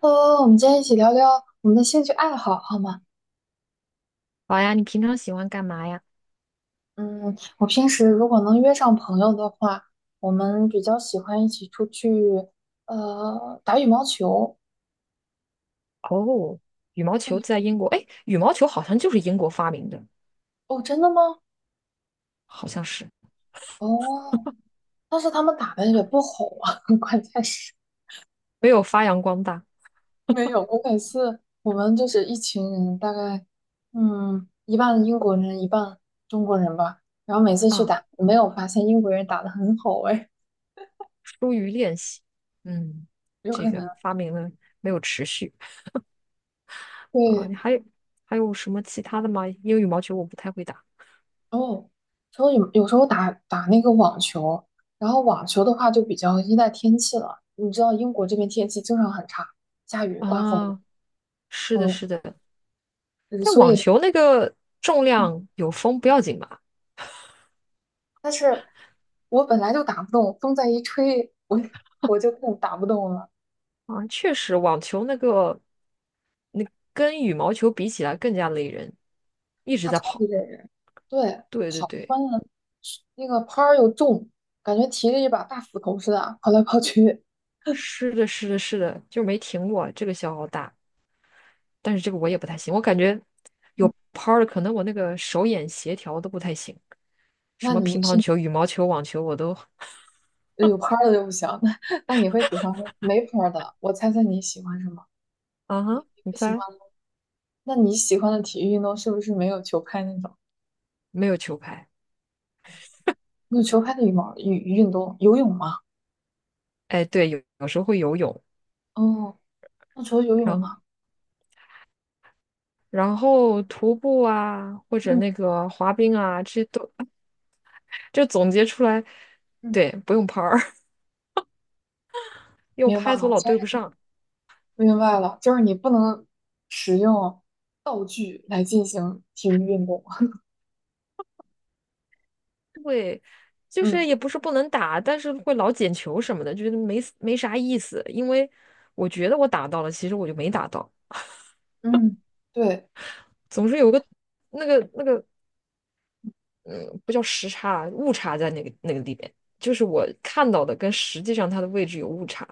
我们今天一起聊聊我们的兴趣爱好，好吗？好呀，你平常喜欢干嘛呀？嗯，我平时如果能约上朋友的话，我们比较喜欢一起出去，打羽毛球。哦，羽毛球对，在英国，哎，羽毛球好像就是英国发明的，哦，真的吗？好像是哦，但是他们打的也不好啊，关键是没有发扬光大没有。我每次我们就是一群人，大概一半英国人，一半中国人吧。然后每次去啊，打，没有发现英国人打得很好，哎，疏于练习。嗯，有这可个能。发明了没有持续啊？对，你还有什么其他的吗？因为羽毛球我不太会打哦，然后有时候打打那个网球，然后网球的话就比较依赖天气了。你知道英国这边天气经常很差，下雨、刮风，啊。是的，嗯，是的，嗯但所网以，球那个重嗯量有风不要紧吧？但是我本来就打不动，风再一吹，我 我就更打不动了，啊，确实，网球那个那跟羽毛球比起来更加累人，一直它在超级跑。累人。对，对对对。关键那个拍儿又重，感觉提着一把大斧头似的，跑来跑去。是的，是的，是的，就没停过，这个消耗大，但是这个我也不太行，我感觉嗯，有拍儿的，可能我那个手眼协调都不太行，什那么你乒是，乓球、羽毛球、网球我都 有拍儿的就不行，那你会喜欢没拍儿的？我猜猜你喜欢什么？啊哈，你喜猜？欢。那你喜欢的体育运动是不是没有球拍那种？没有球拍，没有球拍的羽毛运动，游泳吗？哎，对，有时候会游泳，哦，那除了游然泳后呢？徒步啊，或者嗯那个滑冰啊，这些都 就总结出来，嗯，对，不用拍儿，因为我明白拍子我了，老其实对不上。明白了，就是你不能使用具来进行体育运动。会，就嗯是也不是不能打，但是会老捡球什么的，觉得没啥意思。因为我觉得我打到了，其实我就没打到，嗯，对，总是有个那个，嗯，不叫时差，误差在那个里边，就是我看到的跟实际上它的位置有误差。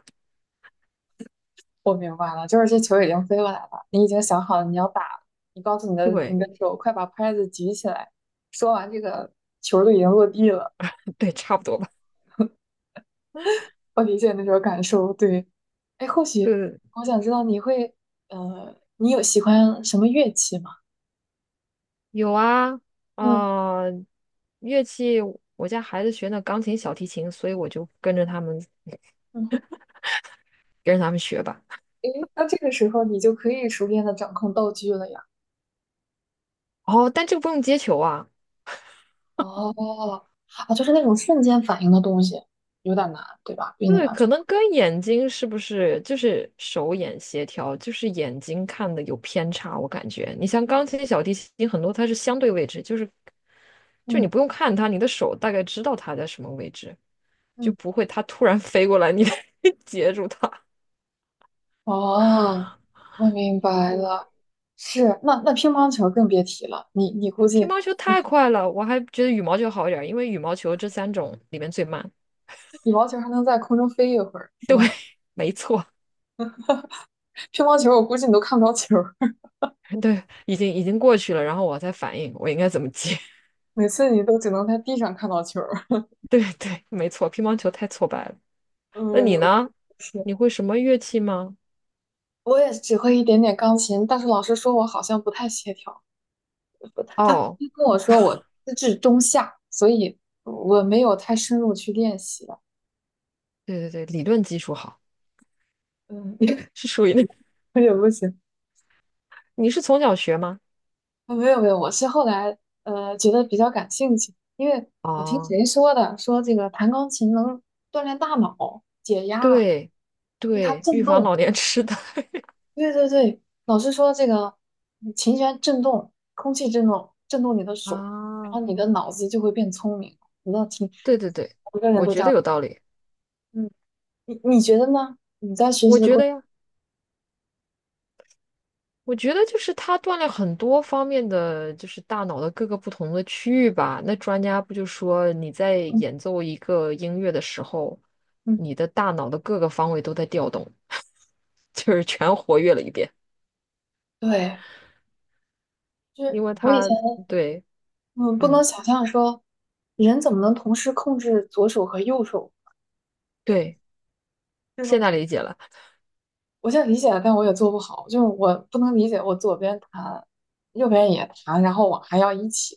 我明白了，就是这球已经飞过来了，你已经想好了你要打了，你告诉你的你对的手，快把拍子举起来。说完这个，球儿都已经落地了。对，差不多吧。我理解那种感受，对。哎，或许对，我想知道你会，你有喜欢什么乐器吗？有啊，嗯啊、乐器，我家孩子学那钢琴、小提琴，所以我就跟着他们嗯，学吧。诶，那这个时候你就可以熟练的掌控道具了呀。哦，但这个不用接球啊。哦，啊，就是那种瞬间反应的东西，有点难，对吧？对你对，来说，可能跟眼睛是不是就是手眼协调，就是眼睛看的有偏差，我感觉。你像钢琴、小提琴，很多它是相对位置，就是就你嗯不用看它，你的手大概知道它在什么位置，就嗯，不会它突然 飞过来，你 截住它。哦，我明白嗯，了。是，那乒乓球更别提了，你估乒计，乓球太快了，我还觉得羽毛球好一点儿，因为羽毛球这三种里面最慢。羽毛球还能在空中飞一会儿，是吧？没错，乒乓球我估计你都看不着球。对，已经过去了，然后我再反应我应该怎么接。每次你都只能在地上看到球儿。对对，没错，乒乓球太挫败了。那嗯，你我呢？是，你会什么乐器吗？我也只会一点点钢琴，但是老师说我好像不太协调，不太他哦，跟我说我资质中下，所以我没有太深入去练习了。对对对，理论基础好，嗯，是属于那。我也不行。你是从小学吗？啊，没有没有，我是后来觉得比较感兴趣，因为我听哦，谁说的，说这个弹钢琴能锻炼大脑、解压，对因为它对，预震防老动。年痴呆 对对对，老师说这个琴弦振动，空气振动，振动你的 手，然啊，后你的脑子就会变聪明。我倒听，对对对，每个人我都这觉得样。有道理。嗯，你觉得呢？你在学习我的觉过得呀，我觉得就是它锻炼很多方面的，就是大脑的各个不同的区域吧。那专家不就说你在程中，演奏一个音乐的时候，嗯，你的大脑的各个方位都在调动，就是全活跃了一遍。对，就因是为我以前它对嗯不能嗯，想象说人怎么能同时控制左手和右手，对，就是现说在理解了。我现在理解了，但我也做不好，就是我不能理解我左边弹，右边也弹，然后我还要一起，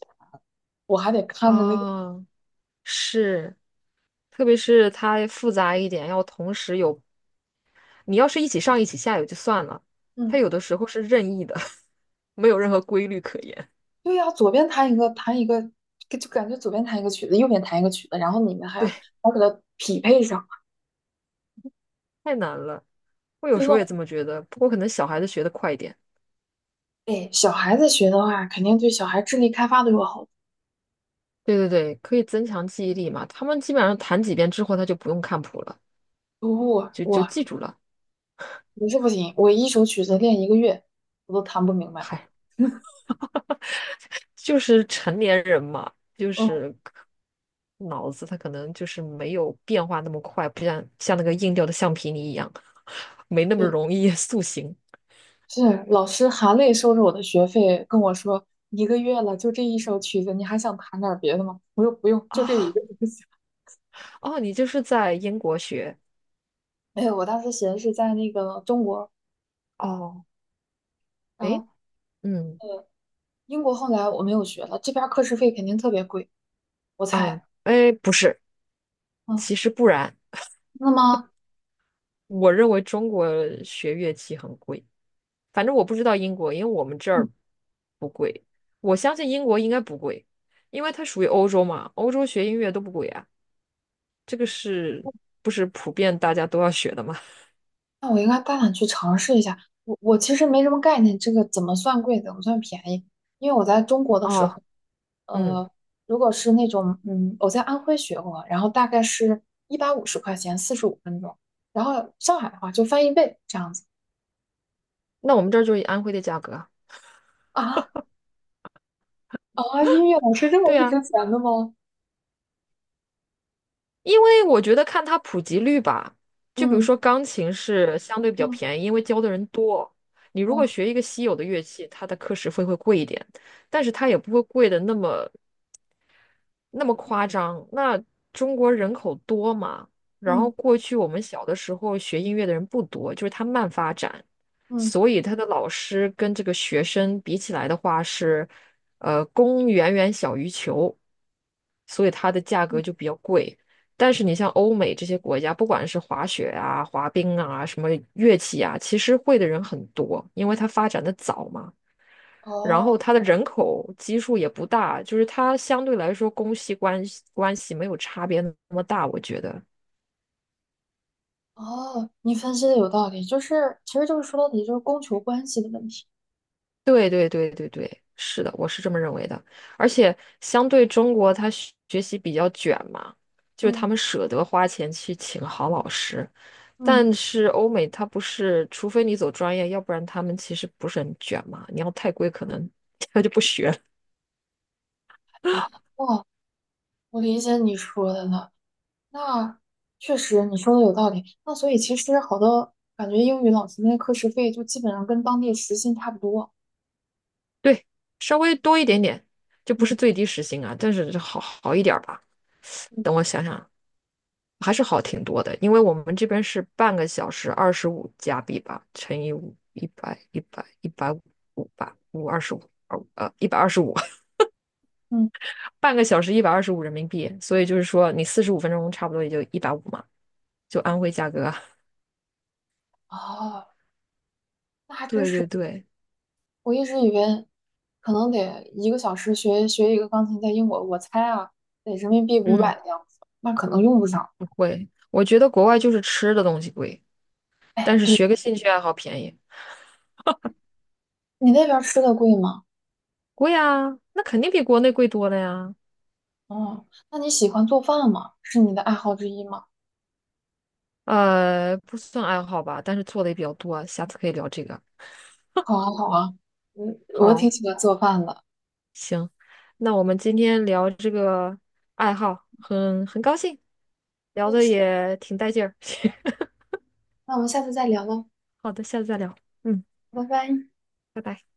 我还得看着那个。哦，是，特别是它复杂一点，要同时有，你要是一起上一起下也就算了，它嗯。有的时候是任意的，没有任何规律可言。对呀，左边弹一个，弹一个，就感觉左边弹一个曲子，右边弹一个曲子，然后你们 还对，要匹配上，太难了。我有真时的，候也这么觉得，不过可能小孩子学的快一点。哎，小孩子学的话，肯定对小孩智力开发都有好处。对对对，可以增强记忆力嘛，他们基本上弹几遍之后，他就不用看谱了，我就我记住了。我是不行，我一首曲子练一个月，我都弹不明白。嗨。就是成年人嘛，就哦，是可脑子他可能就是没有变化那么快，不像那个硬掉的橡皮泥一样，没那么对，容易 塑形是老师含泪收着我的学费，跟我说一个月了，就这一首曲子，你还想弹点儿别的吗？我说不用，就这一啊。个就行。哦，你就是在英国学 哎，我当时学的是在那个中国，哦？然诶，后嗯英国后来我没有学了，这边儿课时费肯定特别贵，我啊，猜。诶，不是，嗯，其实不然，那么，我认为中国学乐器很贵，反正我不知道英国，因为我们这嗯儿不贵，我相信英国应该不贵，因为它属于欧洲嘛，欧洲学音乐都不贵啊。这个是不是普遍大家都要学的嘛？那我应该大胆去尝试一下。我其实没什么概念，这个怎么算贵，怎么算便宜？因为我在中国的时哦，候，嗯，呃，如果是那种，我在安徽学过，然后大概是150块钱，45分钟。然后上海的话就翻一倍这样子。那我们这儿就是以安徽的价格啊啊啊，音乐老师这么对不值啊，钱的吗？因为我觉得看它普及率吧，就比如嗯说钢琴是相对比较嗯，便宜，因为教的人多。你如果哦，学一个稀有的乐器，它的课时费会贵一点，但是它也不会贵的那么那么夸张。那中国人口多嘛，然后嗯过去我们小的时候学音乐的人不多，就是它慢发展，嗯所以他的老师跟这个学生比起来的话是，呃，供远远小于求，所以它的价格嗯，就比较贵。但是你像欧美这些国家，不管是滑雪啊、滑冰啊、什么乐器啊，其实会的人很多，因为它发展的早嘛。然后哦。它的人口基数也不大，就是它相对来说公系关系没有差别那么大，我觉得。哦，你分析的有道理，就是其实就是说到底就是供求关系的问题。对对对对对，是的，我是这么认为的。而且相对中国，他学习比较卷嘛，就是他嗯们舍得花钱去请好老师，嗯，但是欧美它不是，除非你走专业，要不然他们其实不是很卷嘛。你要太贵，可能 他就不学了。啊，哦，我理解你说的了。那确实你说的有道理。那所以其实好多感觉英语老师那课时费就基本上跟当地时薪差不多。对，稍微多一点点，就不是嗯最低时薪啊，但是好一点儿吧。嗯等我想想，还是好挺多的，因为我们这边是半个小时25加币吧，乘以五，一百一百一百五吧，五二十五，一百二十五，嗯，半个小时125人民币，所以就是说你45分钟差不多也就一百五嘛，就安徽价格啊 哦，那还真对是。对对，我一直以为可能得一个小时学一个钢琴，在英国我猜啊得人民币500嗯，的样子，那可能用不上。不会，我觉得国外就是吃的东西贵，但哎，是对，学个兴趣爱好便宜，你那边儿吃的贵吗？贵啊，那肯定比国内贵多了呀。哦，那你喜欢做饭吗？是你的爱好之一吗？不算爱好吧，但是做的也比较多啊，下次可以聊这个。好啊，好啊，我挺好。喜欢做饭的。那我们今天聊这个爱好，很高兴，聊我也的是。也挺带劲儿。那我们下次再聊喽，好的，下次再聊。嗯，拜拜。拜拜。